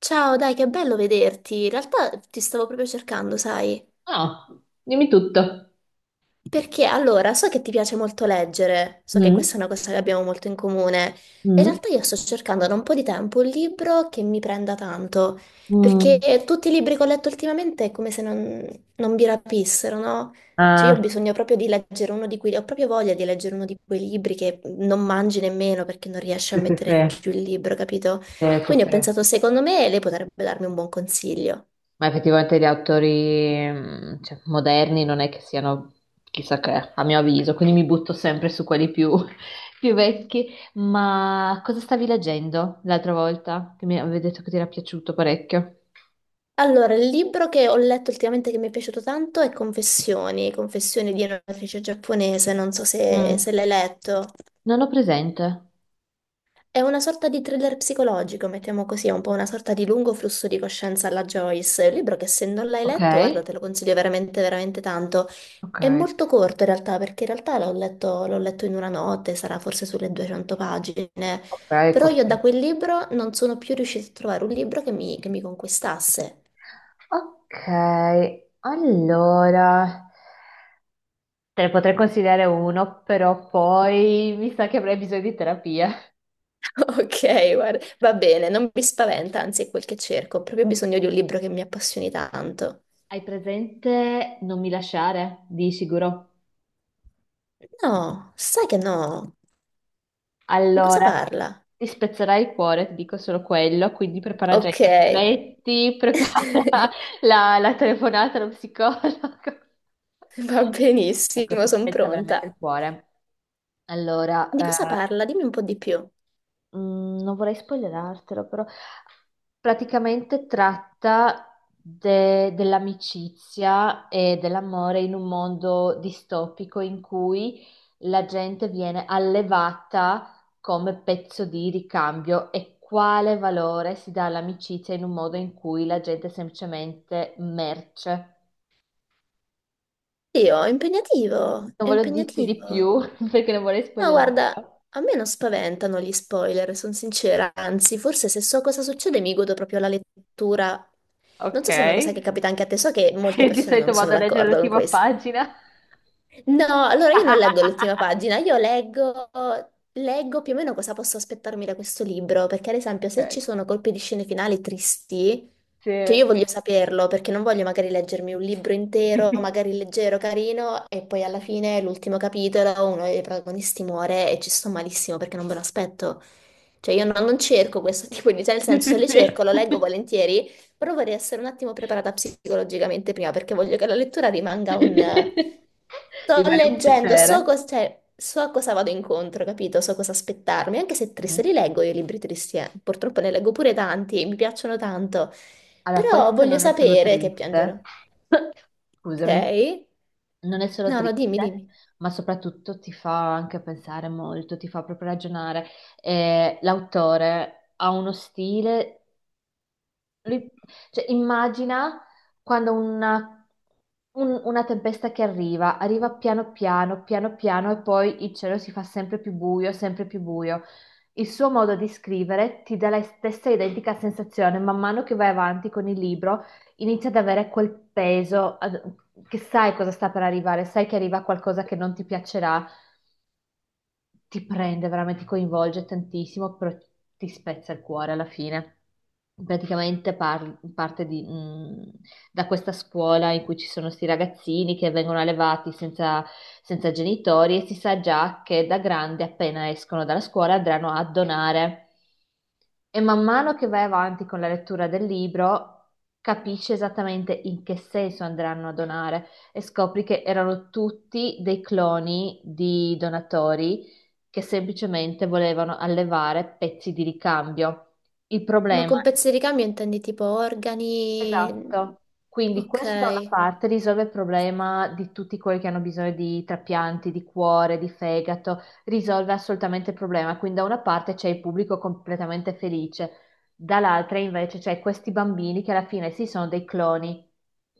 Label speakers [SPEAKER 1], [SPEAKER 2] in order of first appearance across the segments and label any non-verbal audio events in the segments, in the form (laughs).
[SPEAKER 1] Ciao, dai, che bello vederti. In realtà ti stavo proprio cercando, sai?
[SPEAKER 2] Ah, dimmi tutto.
[SPEAKER 1] Perché allora, so che ti piace molto leggere, so che
[SPEAKER 2] Mm,
[SPEAKER 1] questa è una cosa che abbiamo molto in comune. In
[SPEAKER 2] mm,
[SPEAKER 1] realtà io sto cercando da un po' di tempo un libro che mi prenda tanto, perché
[SPEAKER 2] mm.
[SPEAKER 1] tutti i libri che ho letto ultimamente è come se non mi rapissero, no? Cioè io ho
[SPEAKER 2] Ah,
[SPEAKER 1] bisogno proprio di leggere ho proprio voglia di leggere uno di quei libri che non mangi nemmeno perché non riesci a
[SPEAKER 2] sì, sì,
[SPEAKER 1] mettere
[SPEAKER 2] sì,
[SPEAKER 1] giù il libro, capito?
[SPEAKER 2] sì, sì,
[SPEAKER 1] Quindi
[SPEAKER 2] sì.
[SPEAKER 1] ho pensato, secondo me lei potrebbe darmi un buon consiglio.
[SPEAKER 2] Ma effettivamente gli autori, cioè, moderni non è che siano chissà che, a mio avviso, quindi mi butto sempre su quelli più, (laughs) più vecchi. Ma cosa stavi leggendo l'altra volta? Che mi avevi detto che ti era piaciuto parecchio.
[SPEAKER 1] Allora, il libro che ho letto ultimamente che mi è piaciuto tanto è Confessioni, Confessioni di un'autrice giapponese, non so se,
[SPEAKER 2] Mm,
[SPEAKER 1] se l'hai letto.
[SPEAKER 2] Non ho presente.
[SPEAKER 1] È una sorta di thriller psicologico, mettiamo così, è un po' una sorta di lungo flusso di coscienza alla Joyce. È un libro che se non l'hai
[SPEAKER 2] Ok,
[SPEAKER 1] letto, guarda, te lo consiglio veramente, veramente tanto.
[SPEAKER 2] ok,
[SPEAKER 1] È molto corto in realtà, perché in realtà l'ho letto in una notte, sarà forse sulle 200 pagine.
[SPEAKER 2] ok,
[SPEAKER 1] Però io da
[SPEAKER 2] corti.
[SPEAKER 1] quel libro non sono più riuscita a trovare un libro che mi conquistasse.
[SPEAKER 2] Ok, allora. Te ne potrei consigliare uno, però poi mi sa che avrei bisogno di terapia.
[SPEAKER 1] Ok, guarda, va bene, non mi spaventa, anzi è quel che cerco, ho proprio bisogno di un libro che mi appassioni tanto.
[SPEAKER 2] Hai presente Non mi lasciare, di sicuro?
[SPEAKER 1] No, sai che no. Di cosa
[SPEAKER 2] Allora,
[SPEAKER 1] parla?
[SPEAKER 2] ti spezzerai il cuore, ti dico solo quello, quindi prepara già i
[SPEAKER 1] Ok,
[SPEAKER 2] fazzoletti, (laughs) prepara
[SPEAKER 1] (laughs)
[SPEAKER 2] la telefonata allo psicologo. (laughs)
[SPEAKER 1] va
[SPEAKER 2] Ecco,
[SPEAKER 1] benissimo,
[SPEAKER 2] ti
[SPEAKER 1] sono
[SPEAKER 2] spezza veramente
[SPEAKER 1] pronta.
[SPEAKER 2] il cuore. Allora,
[SPEAKER 1] Di cosa
[SPEAKER 2] eh,
[SPEAKER 1] parla? Dimmi un po' di più.
[SPEAKER 2] Non vorrei spoilerartelo, però praticamente tratta dell'amicizia e dell'amore in un mondo distopico in cui la gente viene allevata come pezzo di ricambio e quale valore si dà all'amicizia in un modo in cui la gente è semplicemente merce.
[SPEAKER 1] Io, è impegnativo,
[SPEAKER 2] Non
[SPEAKER 1] è
[SPEAKER 2] voglio dirti di
[SPEAKER 1] impegnativo.
[SPEAKER 2] più (laughs) perché non vorrei
[SPEAKER 1] No, guarda,
[SPEAKER 2] spoilerarlo.
[SPEAKER 1] a me non spaventano gli spoiler, sono sincera, anzi, forse se so cosa succede mi godo proprio la lettura. Non
[SPEAKER 2] Ok,
[SPEAKER 1] so se è una cosa che capita anche a te, so che
[SPEAKER 2] (laughs)
[SPEAKER 1] molte
[SPEAKER 2] Sì, di
[SPEAKER 1] persone
[SPEAKER 2] solito
[SPEAKER 1] non sono
[SPEAKER 2] vado a leggere
[SPEAKER 1] d'accordo con
[SPEAKER 2] l'ultima
[SPEAKER 1] questo.
[SPEAKER 2] pagina.
[SPEAKER 1] No, allora io non
[SPEAKER 2] Ok,
[SPEAKER 1] leggo l'ultima pagina, io leggo più o meno cosa posso aspettarmi da questo libro, perché ad esempio se ci sono colpi di scene finali tristi, cioè io
[SPEAKER 2] se...
[SPEAKER 1] voglio saperlo, perché non voglio magari leggermi un libro intero, magari
[SPEAKER 2] (laughs)
[SPEAKER 1] leggero, carino, e poi alla fine l'ultimo capitolo, uno dei protagonisti muore e ci sto malissimo perché non ve lo aspetto. Cioè io non cerco questo (laughs) tipo di, cioè nel
[SPEAKER 2] Sì,
[SPEAKER 1] senso
[SPEAKER 2] sì,
[SPEAKER 1] le cerco, lo leggo
[SPEAKER 2] sì.
[SPEAKER 1] volentieri, però vorrei essere un attimo preparata psicologicamente prima perché voglio che la lettura rimanga un.
[SPEAKER 2] (laughs)
[SPEAKER 1] Sto
[SPEAKER 2] Rimane un
[SPEAKER 1] leggendo,
[SPEAKER 2] piacere.
[SPEAKER 1] cioè, so a cosa vado incontro, capito? So cosa aspettarmi, anche se
[SPEAKER 2] Mhm.
[SPEAKER 1] triste li leggo io i libri tristi, eh. Purtroppo ne leggo pure tanti e mi piacciono tanto,
[SPEAKER 2] Allora,
[SPEAKER 1] però
[SPEAKER 2] questo
[SPEAKER 1] voglio
[SPEAKER 2] non è solo
[SPEAKER 1] sapere che piangerò,
[SPEAKER 2] triste, (laughs)
[SPEAKER 1] ok?
[SPEAKER 2] scusami, non è solo
[SPEAKER 1] No, no, dimmi,
[SPEAKER 2] triste,
[SPEAKER 1] dimmi.
[SPEAKER 2] ma soprattutto ti fa anche pensare molto, ti fa proprio ragionare. L'autore ha uno stile Lui- cioè, immagina quando una tempesta che arriva, arriva piano piano, piano piano e poi il cielo si fa sempre più buio, sempre più buio. Il suo modo di scrivere ti dà la stessa identica sensazione, man mano che vai avanti con il libro inizia ad avere quel peso, che sai cosa sta per arrivare, sai che arriva qualcosa che non ti piacerà ti prende, veramente ti coinvolge tantissimo, però ti spezza il cuore alla fine. Praticamente parte da questa scuola in cui ci sono questi ragazzini che vengono allevati senza genitori e si sa già che da grandi, appena escono dalla scuola, andranno a donare. E man mano che vai avanti con la lettura del libro, capisci esattamente in che senso andranno a donare e scopri che erano tutti dei cloni di donatori che semplicemente volevano allevare pezzi di ricambio. Il
[SPEAKER 1] Ma
[SPEAKER 2] problema
[SPEAKER 1] con pezzi di ricambio intendi tipo organi.
[SPEAKER 2] Esatto, quindi questo da una
[SPEAKER 1] Ok.
[SPEAKER 2] parte risolve il problema di tutti quelli che hanno bisogno di trapianti, di cuore, di fegato, risolve assolutamente il problema. Quindi da una parte c'è il pubblico completamente felice, dall'altra invece c'è questi bambini che alla fine sì sono dei cloni,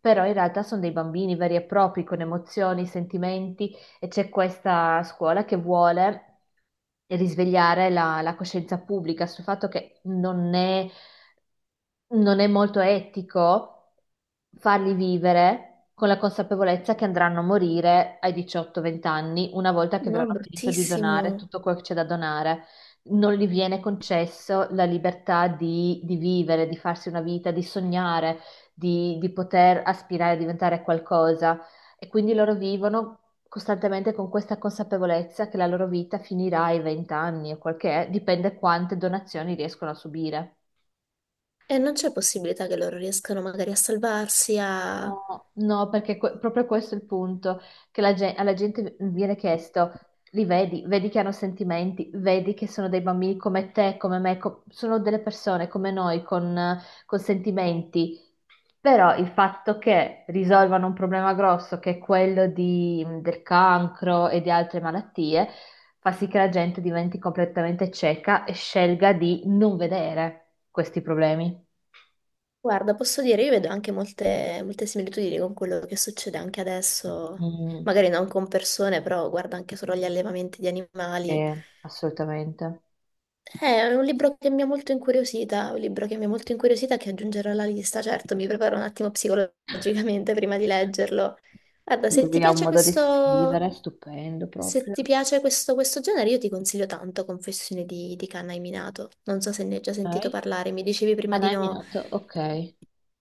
[SPEAKER 2] però in realtà sono dei bambini veri e propri, con emozioni, sentimenti e c'è questa scuola che vuole risvegliare la coscienza pubblica sul fatto che non è molto etico farli vivere con la consapevolezza che andranno a morire ai 18-20 anni, una volta che
[SPEAKER 1] No,
[SPEAKER 2] avranno finito di donare
[SPEAKER 1] bruttissimo.
[SPEAKER 2] tutto quello che c'è da donare. Non gli viene concesso la libertà di vivere, di farsi una vita, di sognare, di poter aspirare a diventare qualcosa. E quindi loro vivono costantemente con questa consapevolezza che la loro vita finirà ai 20 anni o quel che è, dipende quante donazioni riescono a subire.
[SPEAKER 1] E non c'è possibilità che loro riescano magari a salvarsi, a.
[SPEAKER 2] No, no, perché proprio questo è il punto, che la alla gente viene chiesto, li vedi, vedi che hanno sentimenti, vedi che sono dei bambini come te, come me, sono delle persone come noi con sentimenti, però il fatto che risolvano un problema grosso che è quello del cancro e di altre malattie fa sì che la gente diventi completamente cieca e scelga di non vedere questi problemi.
[SPEAKER 1] Guarda, posso dire, io vedo anche molte, molte similitudini con quello che succede anche adesso,
[SPEAKER 2] Mm,
[SPEAKER 1] magari non con persone, però guarda anche solo gli allevamenti di animali.
[SPEAKER 2] sì, assolutamente.
[SPEAKER 1] È un libro che mi ha molto incuriosita, un libro che mi ha molto incuriosita che aggiungerò alla lista, certo, mi preparo un attimo psicologicamente (laughs) prima di leggerlo. Guarda,
[SPEAKER 2] Lui ha un modo di scrivere stupendo
[SPEAKER 1] se
[SPEAKER 2] proprio.
[SPEAKER 1] ti piace questo, questo genere, io ti consiglio tanto Confessioni di Kanna Minato. Non so se ne hai già sentito
[SPEAKER 2] Ok.
[SPEAKER 1] parlare, mi dicevi prima di
[SPEAKER 2] Hanai
[SPEAKER 1] no,
[SPEAKER 2] Minato, ok.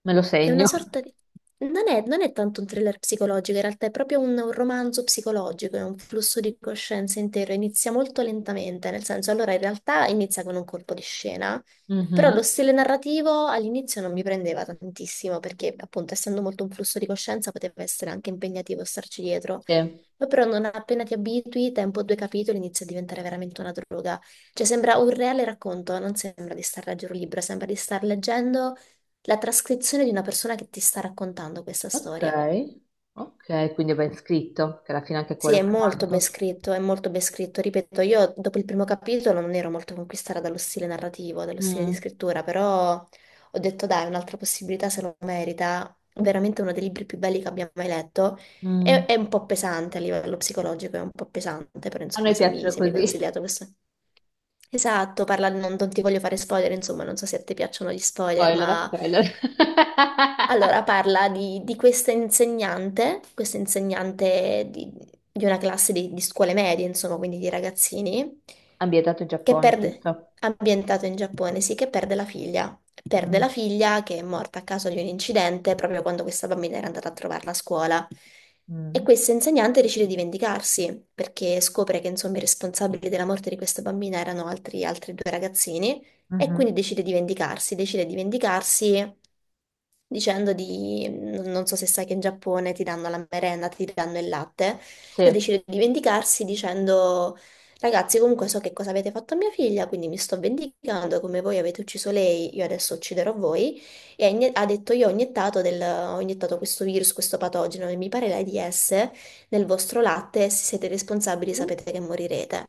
[SPEAKER 2] Me lo
[SPEAKER 1] è una
[SPEAKER 2] segno.
[SPEAKER 1] sorta di. Non è tanto un thriller psicologico, in realtà è proprio un romanzo psicologico, è un flusso di coscienza intero, inizia molto lentamente, nel senso, allora in realtà inizia con un colpo di scena, però lo
[SPEAKER 2] Mhm,
[SPEAKER 1] stile narrativo all'inizio non mi prendeva tantissimo, perché appunto essendo molto un flusso di coscienza poteva essere anche impegnativo starci dietro.
[SPEAKER 2] Sì.
[SPEAKER 1] Ma però non appena ti abitui, tempo due capitoli inizia a diventare veramente una droga. Cioè sembra un reale racconto, non sembra di star leggendo un libro, sembra di star leggendo la trascrizione di una persona che ti sta raccontando questa
[SPEAKER 2] Ok,
[SPEAKER 1] storia.
[SPEAKER 2] ok, quindi è ben scritto, che alla fine anche
[SPEAKER 1] Sì,
[SPEAKER 2] quello
[SPEAKER 1] è
[SPEAKER 2] fa
[SPEAKER 1] molto ben
[SPEAKER 2] tanto.
[SPEAKER 1] scritto, è molto ben scritto. Ripeto, io dopo il primo capitolo non ero molto conquistata dallo stile narrativo, dallo stile di
[SPEAKER 2] Mm,
[SPEAKER 1] scrittura, però ho detto dai, un'altra possibilità se lo merita. Veramente uno dei libri più belli che abbia mai letto. È,
[SPEAKER 2] mm.
[SPEAKER 1] è un po' pesante a livello psicologico, è un po' pesante, però
[SPEAKER 2] A
[SPEAKER 1] insomma,
[SPEAKER 2] noi
[SPEAKER 1] se mi,
[SPEAKER 2] piacciono
[SPEAKER 1] se mi hai
[SPEAKER 2] così.
[SPEAKER 1] consigliato questo. Esatto, parla, non ti voglio fare spoiler, insomma, non so se a te piacciono gli spoiler,
[SPEAKER 2] Spoiler, a
[SPEAKER 1] ma
[SPEAKER 2] spoiler. (laughs)
[SPEAKER 1] allora, parla di questa insegnante, questa insegnante di una classe di scuole medie, insomma, quindi di ragazzini,
[SPEAKER 2] Ambientato in
[SPEAKER 1] che
[SPEAKER 2] Giappone,
[SPEAKER 1] perde,
[SPEAKER 2] giusto?
[SPEAKER 1] ambientato in Giappone, sì, che perde la figlia. Perde
[SPEAKER 2] Mm,
[SPEAKER 1] la figlia che è morta a causa di un incidente proprio quando questa bambina era andata a trovarla a scuola. E
[SPEAKER 2] mm,
[SPEAKER 1] questa insegnante decide di vendicarsi perché scopre che, insomma, i responsabili della morte di questa bambina erano altri due ragazzini. E quindi
[SPEAKER 2] mhm.
[SPEAKER 1] decide di vendicarsi dicendo di, non so se sai che in Giappone ti danno la merenda, ti danno il latte, e
[SPEAKER 2] Sì.
[SPEAKER 1] decide di vendicarsi dicendo, ragazzi, comunque so che cosa avete fatto a mia figlia, quindi mi sto vendicando, come voi avete ucciso lei, io adesso ucciderò voi. E ha detto, io ho iniettato questo virus, questo patogeno, e mi pare l'AIDS, nel vostro latte, e se siete responsabili
[SPEAKER 2] Uh,
[SPEAKER 1] sapete che morirete.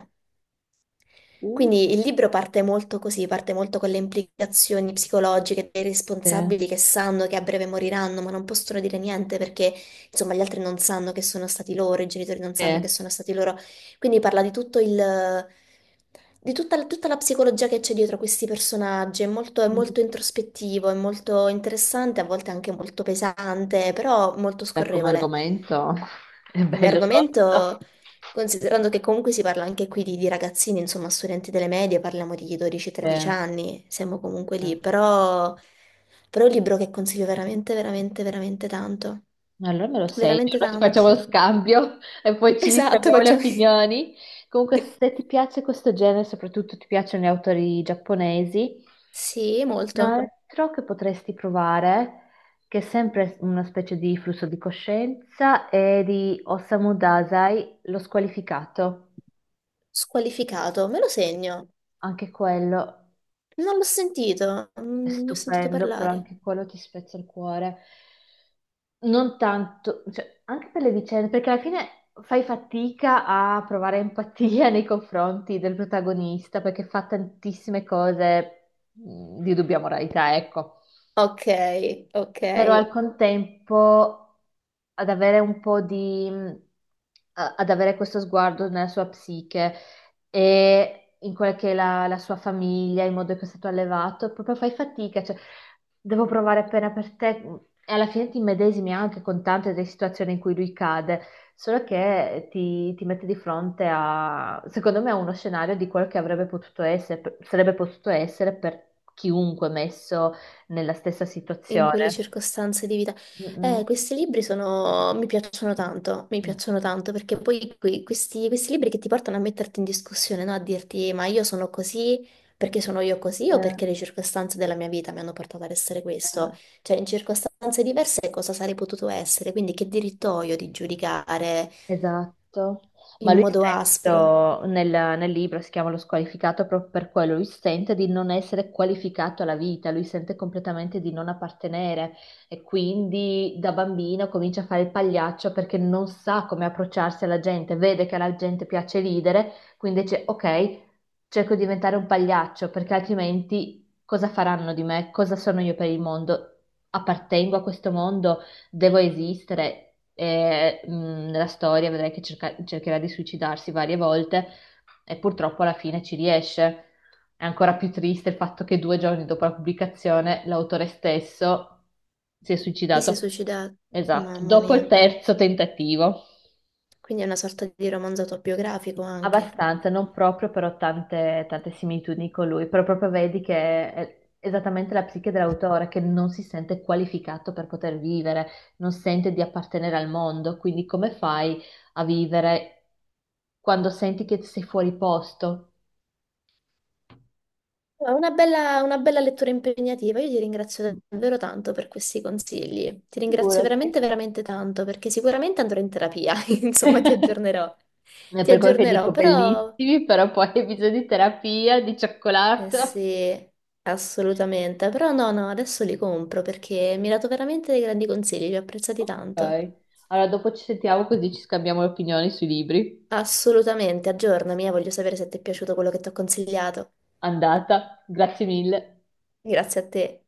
[SPEAKER 2] uh,
[SPEAKER 1] Quindi il libro parte molto così, parte molto con le implicazioni psicologiche dei
[SPEAKER 2] sì,
[SPEAKER 1] responsabili che sanno che a breve moriranno, ma non possono dire niente perché, insomma, gli altri non sanno che sono stati loro, i genitori non
[SPEAKER 2] sì.
[SPEAKER 1] sanno che sono stati loro. Quindi parla di tutta la psicologia che c'è dietro questi personaggi. È molto, è
[SPEAKER 2] Mm.
[SPEAKER 1] molto introspettivo, è molto interessante, a volte anche molto pesante, però molto
[SPEAKER 2] Beh, come
[SPEAKER 1] scorrevole.
[SPEAKER 2] argomento (laughs) è
[SPEAKER 1] Come
[SPEAKER 2] bello tosto.
[SPEAKER 1] argomento. Considerando che comunque si parla anche qui di ragazzini, insomma, studenti delle medie, parliamo di 12-13
[SPEAKER 2] Eh,
[SPEAKER 1] anni, siamo comunque
[SPEAKER 2] eh.
[SPEAKER 1] lì, però è un libro che consiglio veramente, veramente, veramente tanto.
[SPEAKER 2] Allora me lo segno,
[SPEAKER 1] Veramente
[SPEAKER 2] allora ci facciamo lo
[SPEAKER 1] tanto.
[SPEAKER 2] scambio (laughs) e poi ci
[SPEAKER 1] Esatto,
[SPEAKER 2] scambiamo le
[SPEAKER 1] facciamo. (laughs)
[SPEAKER 2] opinioni. Comunque, se ti piace questo genere, soprattutto ti piacciono gli autori giapponesi,
[SPEAKER 1] Sì,
[SPEAKER 2] un
[SPEAKER 1] molto.
[SPEAKER 2] altro che potresti provare, che è sempre una specie di flusso di coscienza, è di Osamu Dazai, Lo squalificato.
[SPEAKER 1] Squalificato, me lo segno.
[SPEAKER 2] Anche quello
[SPEAKER 1] Non l'ho sentito,
[SPEAKER 2] è
[SPEAKER 1] non ne ho sentito
[SPEAKER 2] stupendo, però
[SPEAKER 1] parlare.
[SPEAKER 2] anche quello ti spezza il cuore. Non tanto, cioè, anche per le vicende, perché alla fine fai fatica a provare empatia nei confronti del protagonista, perché fa tantissime cose di dubbia moralità, ecco
[SPEAKER 1] Ok, ok.
[SPEAKER 2] però al contempo ad avere un po' di, ad avere questo sguardo nella sua psiche e in quella che è la sua famiglia, il modo in cui è stato allevato, proprio fai fatica, cioè devo provare appena per te e alla fine ti immedesimi anche con tante delle situazioni in cui lui cade, solo che ti mette di fronte a, secondo me, a uno scenario di quello che avrebbe potuto essere, sarebbe potuto essere per chiunque messo nella stessa
[SPEAKER 1] In quelle
[SPEAKER 2] situazione.
[SPEAKER 1] circostanze di vita.
[SPEAKER 2] Mm, mm.
[SPEAKER 1] Questi libri sono, mi
[SPEAKER 2] Mm.
[SPEAKER 1] piacciono tanto perché poi questi libri che ti portano a metterti in discussione, no? A dirti ma io sono così perché sono io così o
[SPEAKER 2] Eh,
[SPEAKER 1] perché le circostanze della mia vita mi hanno portato ad essere questo.
[SPEAKER 2] eh,
[SPEAKER 1] Cioè in circostanze diverse cosa sarei potuto essere, quindi che diritto ho io di giudicare
[SPEAKER 2] esatto. Ma
[SPEAKER 1] in
[SPEAKER 2] lui
[SPEAKER 1] modo aspro?
[SPEAKER 2] stesso nel libro si chiama Lo squalificato proprio per quello. Lui sente di non essere qualificato alla vita, lui sente completamente di non appartenere e quindi da bambino comincia a fare il pagliaccio perché non sa come approcciarsi alla gente, vede che alla gente piace ridere, quindi dice ok, cerco di diventare un pagliaccio perché altrimenti cosa faranno di me? Cosa sono io per il mondo? Appartengo a questo mondo? Devo esistere. E nella storia vedrai che cercherà di suicidarsi varie volte e purtroppo alla fine ci riesce. È ancora più triste il fatto che 2 giorni dopo la pubblicazione l'autore stesso si è
[SPEAKER 1] Lei si è
[SPEAKER 2] suicidato.
[SPEAKER 1] suicidato,
[SPEAKER 2] Esatto,
[SPEAKER 1] mamma
[SPEAKER 2] dopo il
[SPEAKER 1] mia.
[SPEAKER 2] terzo tentativo.
[SPEAKER 1] Quindi è una sorta di romanzo autobiografico anche.
[SPEAKER 2] Abbastanza, non proprio, però tante, tante similitudini con lui, però proprio vedi che è esattamente la psiche dell'autore, che non si sente qualificato per poter vivere, non sente di appartenere al mondo, quindi come fai a vivere quando senti che sei fuori posto?
[SPEAKER 1] No, una bella, una bella lettura impegnativa. Io ti ringrazio davvero tanto per questi consigli. Ti ringrazio
[SPEAKER 2] Figurati.
[SPEAKER 1] veramente, veramente tanto perché sicuramente andrò in terapia. (laughs) Insomma, ti
[SPEAKER 2] (laughs)
[SPEAKER 1] aggiornerò.
[SPEAKER 2] È
[SPEAKER 1] Ti
[SPEAKER 2] per quello che
[SPEAKER 1] aggiornerò,
[SPEAKER 2] dico
[SPEAKER 1] però
[SPEAKER 2] bellissimi, però poi hai bisogno di terapia, di
[SPEAKER 1] eh
[SPEAKER 2] cioccolato.
[SPEAKER 1] sì, assolutamente. Però no, no, adesso li compro perché mi hai dato veramente dei grandi consigli, li ho apprezzati
[SPEAKER 2] Ok.
[SPEAKER 1] tanto.
[SPEAKER 2] Allora, dopo ci sentiamo così ci scambiamo le opinioni sui libri.
[SPEAKER 1] Assolutamente, aggiornami, voglio sapere se ti è piaciuto quello che ti ho consigliato.
[SPEAKER 2] Andata, grazie mille.
[SPEAKER 1] Grazie a te.